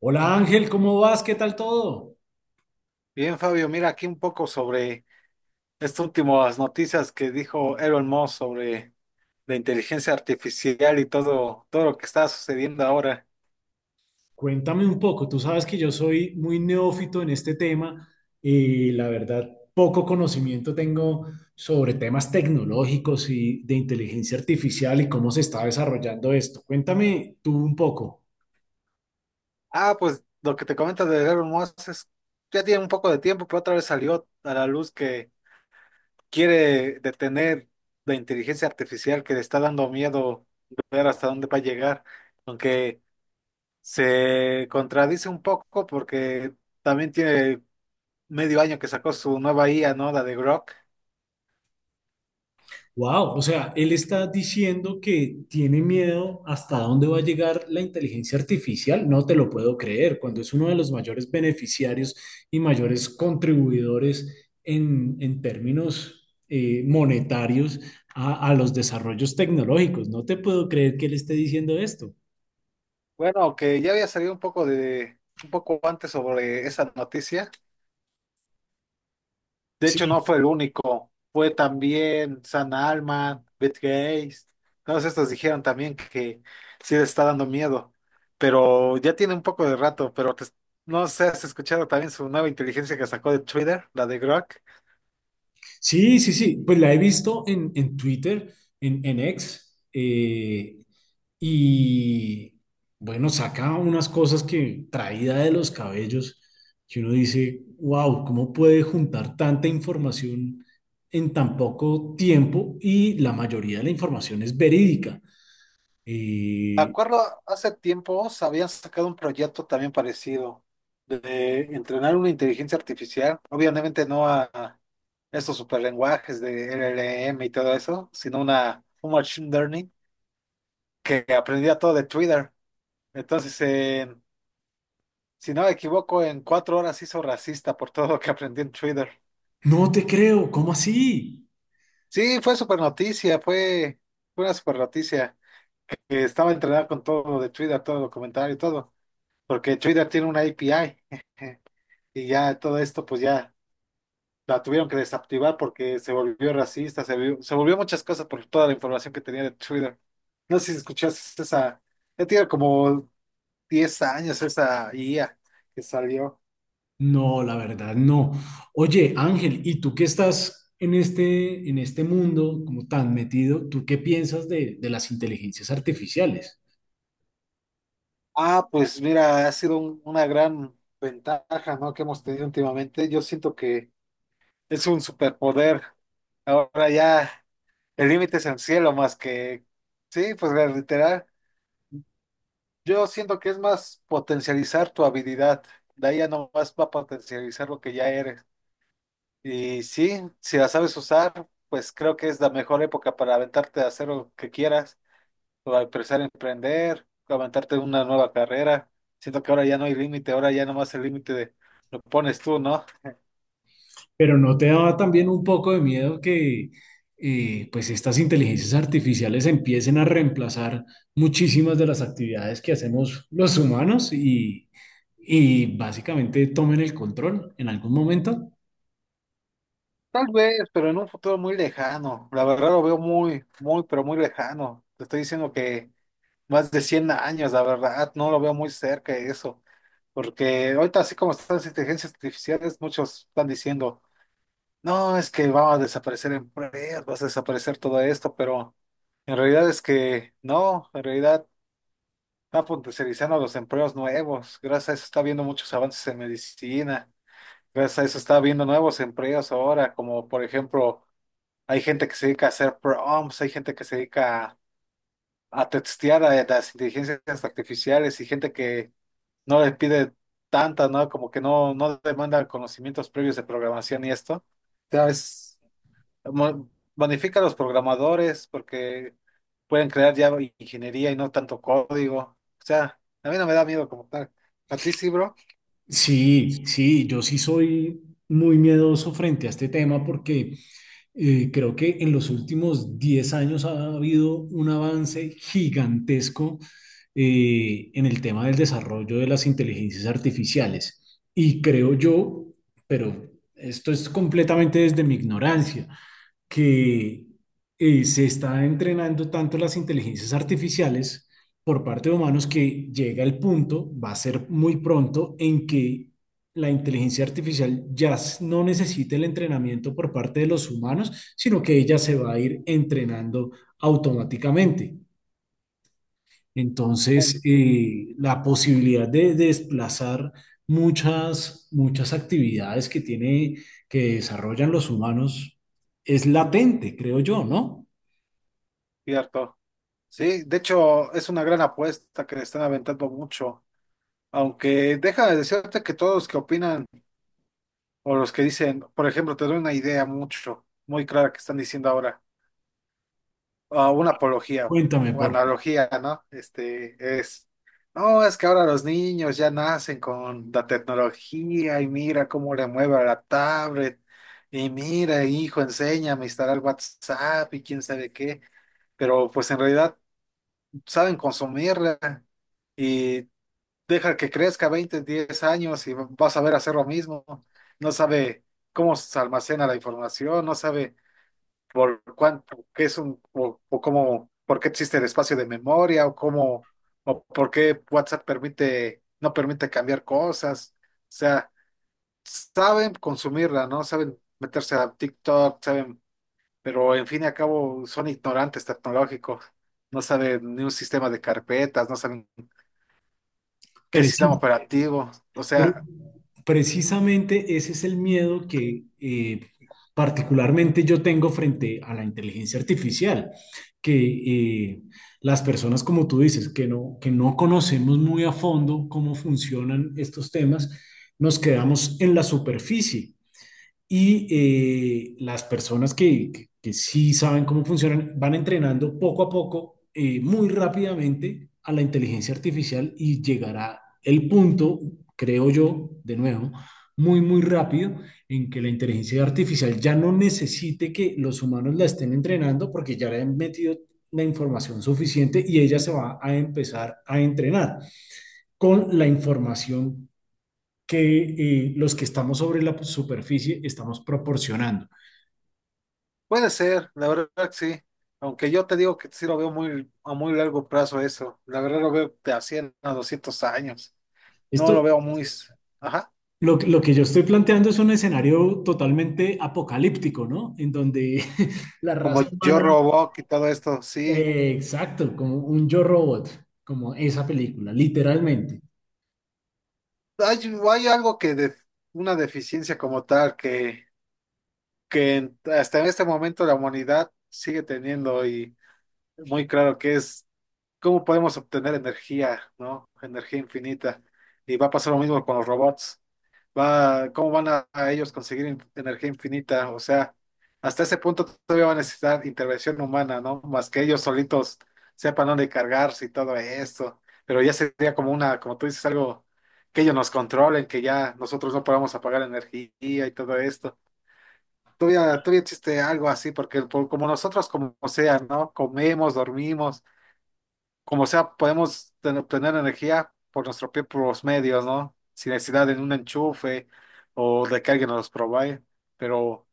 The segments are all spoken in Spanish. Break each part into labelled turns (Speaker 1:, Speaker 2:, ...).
Speaker 1: Hola Ángel, ¿cómo vas? ¿Qué tal todo?
Speaker 2: Bien, Fabio, mira aquí un poco sobre estas últimas noticias que dijo Elon Musk sobre la inteligencia artificial y todo, todo lo que está sucediendo ahora.
Speaker 1: Cuéntame un poco, tú sabes que yo soy muy neófito en este tema y la verdad poco conocimiento tengo sobre temas tecnológicos y de inteligencia artificial y cómo se está desarrollando esto. Cuéntame tú un poco.
Speaker 2: Ah, pues lo que te comento de Elon Musk es, ya tiene un poco de tiempo, pero otra vez salió a la luz que quiere detener la inteligencia artificial que le está dando miedo ver hasta dónde va a llegar, aunque se contradice un poco porque también tiene medio año que sacó su nueva IA, ¿no? La de Grok.
Speaker 1: Wow, o sea, él está diciendo que tiene miedo hasta dónde va a llegar la inteligencia artificial. No te lo puedo creer, cuando es uno de los mayores beneficiarios y mayores contribuidores en términos monetarios a los desarrollos tecnológicos. No te puedo creer que él esté diciendo esto.
Speaker 2: Bueno, que ya había salido un poco antes sobre esa noticia. De hecho,
Speaker 1: Sí,
Speaker 2: no fue el único. Fue también San Alman, Beth Gates. Todos estos dijeron también que sí les está dando miedo. Pero ya tiene un poco de rato, pero no sé, ¿has escuchado también su nueva inteligencia que sacó de Twitter, la de Grok?
Speaker 1: Sí, pues la he visto en Twitter, en X, y bueno, saca unas cosas que traída de los cabellos, que uno dice, wow, ¿cómo puede juntar tanta información en tan poco tiempo? Y la mayoría de la información es verídica.
Speaker 2: Me
Speaker 1: Eh,
Speaker 2: acuerdo, hace tiempo se habían sacado un proyecto también parecido de entrenar una inteligencia artificial, obviamente no a estos superlenguajes de LLM y todo eso, sino una un machine learning que aprendía todo de Twitter. Entonces, si no me equivoco, en 4 horas hizo racista por todo lo que aprendí en Twitter.
Speaker 1: no te creo, ¿cómo así?
Speaker 2: Sí, fue super noticia, fue una super noticia. Que estaba entrenada con todo lo de Twitter, todo el comentario y todo, porque Twitter tiene una API. Y ya todo esto, pues ya la tuvieron que desactivar porque se volvió racista, se volvió muchas cosas por toda la información que tenía de Twitter. No sé si escuchaste esa, ya tiene como 10 años esa IA que salió.
Speaker 1: No, la verdad, no. Oye, Ángel, ¿y tú que estás en este mundo como tan metido, tú qué piensas de las inteligencias artificiales?
Speaker 2: Ah, pues mira, ha sido una gran ventaja, ¿no? Que hemos tenido últimamente. Yo siento que es un superpoder. Ahora ya el límite es el cielo más que, sí, pues literal. Yo siento que es más potencializar tu habilidad. De ahí ya nomás va a potencializar lo que ya eres. Y sí, si la sabes usar, pues creo que es la mejor época para aventarte a hacer lo que quieras, o a empezar a emprender, o aventarte una nueva carrera. Siento que ahora ya no hay límite, ahora ya nomás el límite de lo pones tú, ¿no?
Speaker 1: Pero ¿no te daba también un poco de miedo que pues estas inteligencias artificiales empiecen a reemplazar muchísimas de las actividades que hacemos los humanos y básicamente tomen el control en algún momento?
Speaker 2: Tal vez, pero en un futuro muy lejano. La verdad lo veo muy, muy, pero muy lejano. Te estoy diciendo que más de 100 años, la verdad, no lo veo muy cerca eso, porque ahorita así como están las inteligencias artificiales, muchos están diciendo, no, es que va a desaparecer empleos, va a desaparecer todo esto, pero en realidad es que no, en realidad están potencializando los empleos nuevos, gracias a eso está habiendo muchos avances en medicina, gracias a eso está habiendo nuevos empleos ahora, como por ejemplo, hay gente que se dedica a hacer prompts, hay gente que se dedica a testear a las inteligencias artificiales y gente que no le pide tanta, ¿no? Como que no, no demanda conocimientos previos de programación y esto. Cada vez mo- bonifica a los programadores porque pueden crear ya ingeniería y no tanto código. O sea, a mí no me da miedo como tal. A ti sí, bro.
Speaker 1: Sí, sí, yo sí soy muy miedoso frente a este tema porque... Creo que en los últimos 10 años ha habido un avance gigantesco en el tema del desarrollo de las inteligencias artificiales. Y creo yo, pero esto es completamente desde mi ignorancia, que se está entrenando tanto las inteligencias artificiales por parte de humanos que llega el punto, va a ser muy pronto, en que la inteligencia artificial no necesite el entrenamiento por parte de los humanos, sino que ella se va a ir entrenando automáticamente. Entonces, la posibilidad de desplazar muchas actividades que tiene, que desarrollan los humanos es latente, creo yo, ¿no?
Speaker 2: Cierto. Sí, de hecho, es una gran apuesta que le están aventando mucho. Aunque déjame decirte que todos los que opinan o los que dicen, por ejemplo, te doy una idea mucho, muy clara que están diciendo ahora, ah, una apología
Speaker 1: Cuéntame,
Speaker 2: o
Speaker 1: por favor.
Speaker 2: analogía, ¿no? Este es, no, es que ahora los niños ya nacen con la tecnología y mira cómo le mueve a la tablet y mira, hijo, enséñame a instalar WhatsApp y quién sabe qué, pero pues en realidad saben consumirla. Y deja que crezca 20 10 años y vas a ver hacer lo mismo. No sabe cómo se almacena la información, no sabe por cuánto, qué es un, o cómo, por qué existe el espacio de memoria, o cómo, o por qué WhatsApp permite, no permite cambiar cosas. O sea, saben consumirla, ¿no? Saben meterse a TikTok, saben, pero en fin y al cabo son ignorantes tecnológicos. No saben ni un sistema de carpetas, no saben qué
Speaker 1: Pérez.
Speaker 2: sistema operativo. O
Speaker 1: Pero
Speaker 2: sea,
Speaker 1: precisamente ese es el miedo que particularmente yo tengo frente a la inteligencia artificial, que las personas, como tú dices, que no conocemos muy a fondo cómo funcionan estos temas, nos quedamos en la superficie y las personas que sí saben cómo funcionan van entrenando poco a poco, muy rápidamente, a la inteligencia artificial y llegará el punto, creo yo, de nuevo, muy rápido, en que la inteligencia artificial ya no necesite que los humanos la estén entrenando porque ya le han metido la información suficiente y ella se va a empezar a entrenar con la información que los que estamos sobre la superficie estamos proporcionando.
Speaker 2: puede ser, la verdad que sí. Aunque yo te digo que sí lo veo muy, a muy largo plazo eso. La verdad lo veo de a 100 a 200 años. No lo
Speaker 1: Esto,
Speaker 2: veo muy... Ajá.
Speaker 1: lo que yo estoy planteando es un escenario totalmente apocalíptico, ¿no? En donde la
Speaker 2: Como
Speaker 1: raza
Speaker 2: yo
Speaker 1: humana,
Speaker 2: Robot y todo esto, sí.
Speaker 1: exacto, como un yo robot, como esa película, literalmente.
Speaker 2: Hay, hay algo que... De, una deficiencia como tal que hasta en este momento la humanidad sigue teniendo y muy claro que es cómo podemos obtener energía, ¿no? Energía infinita. Y va a pasar lo mismo con los robots. Va, ¿cómo van a ellos conseguir energía infinita? O sea, hasta ese punto todavía va a necesitar intervención humana, ¿no? Más que ellos solitos sepan dónde cargarse y todo esto. Pero ya sería como una, como tú dices, algo que ellos nos controlen, que ya nosotros no podamos apagar energía y todo esto. Todavía, todavía existe algo así, porque como nosotros, como sea, ¿no? Comemos, dormimos como sea, podemos tener energía por nuestros propios medios, ¿no? Sin necesidad de un enchufe o de que alguien nos provee. Pero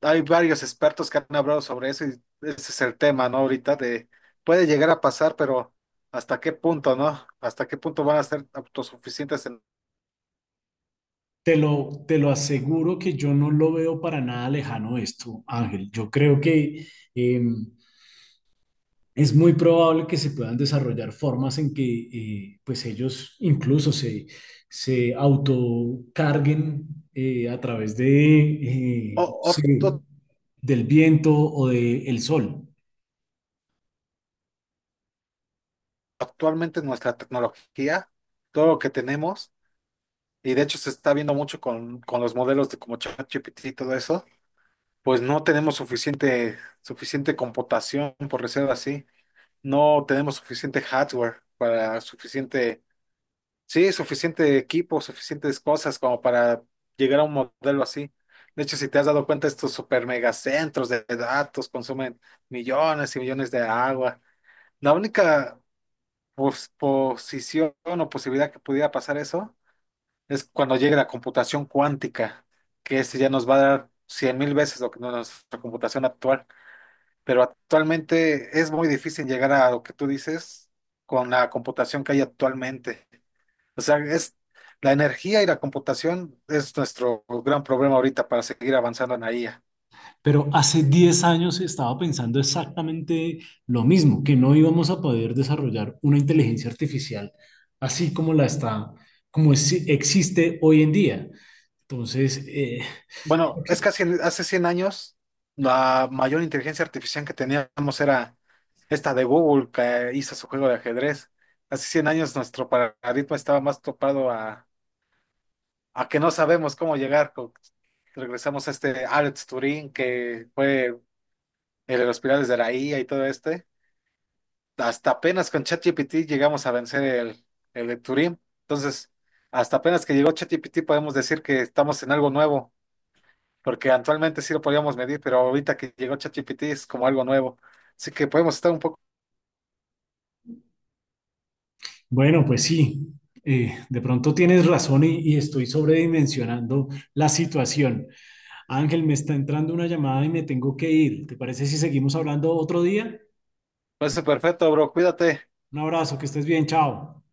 Speaker 2: hay varios expertos que han hablado sobre eso y ese es el tema, ¿no? Ahorita de puede llegar a pasar, pero ¿hasta qué punto, no? ¿Hasta qué punto van a ser autosuficientes en
Speaker 1: Te lo aseguro que yo no lo veo para nada lejano esto, Ángel. Yo creo que em, es muy probable que se puedan desarrollar formas en que pues ellos incluso se, se autocarguen eh, a través de,
Speaker 2: o- o-
Speaker 1: sí,
Speaker 2: to-
Speaker 1: del viento o del sol.
Speaker 2: actualmente nuestra tecnología, todo lo que tenemos? Y de hecho se está viendo mucho con los modelos de como ChatGPT y todo eso. Pues no tenemos suficiente, suficiente computación, por decirlo así. No tenemos suficiente hardware para suficiente, sí, suficiente equipo, suficientes cosas como para llegar a un modelo así. De hecho, si te has dado cuenta, estos super megacentros de datos consumen millones y millones de agua. La única posición o posibilidad que pudiera pasar eso es cuando llegue la computación cuántica, que ese ya nos va a dar 100.000 veces lo que nuestra computación actual, pero actualmente es muy difícil llegar a lo que tú dices con la computación que hay actualmente. O sea, es la energía y la computación es nuestro gran problema ahorita para seguir avanzando en la IA.
Speaker 1: Pero hace 10 años estaba pensando exactamente lo mismo, que no íbamos a poder desarrollar una inteligencia artificial así como la está, como existe hoy en día. Entonces,
Speaker 2: Bueno,
Speaker 1: Ok.
Speaker 2: es casi hace 100 años la mayor inteligencia artificial que teníamos era esta de Google que hizo su juego de ajedrez. Hace 100 años nuestro paradigma estaba más topado a que no sabemos cómo llegar. Regresamos a este Alex Turing que fue el de los pilares de la IA y todo este, hasta apenas con ChatGPT llegamos a vencer el de Turing. Entonces, hasta apenas que llegó ChatGPT podemos decir que estamos en algo nuevo, porque actualmente sí lo podíamos medir, pero ahorita que llegó ChatGPT es como algo nuevo. Así que podemos estar un poco.
Speaker 1: Bueno, pues sí, de pronto tienes razón y estoy sobredimensionando la situación. Ángel, me está entrando una llamada y me tengo que ir. ¿Te parece si seguimos hablando otro día?
Speaker 2: Pues perfecto, bro, cuídate.
Speaker 1: Un abrazo, que estés bien, chao.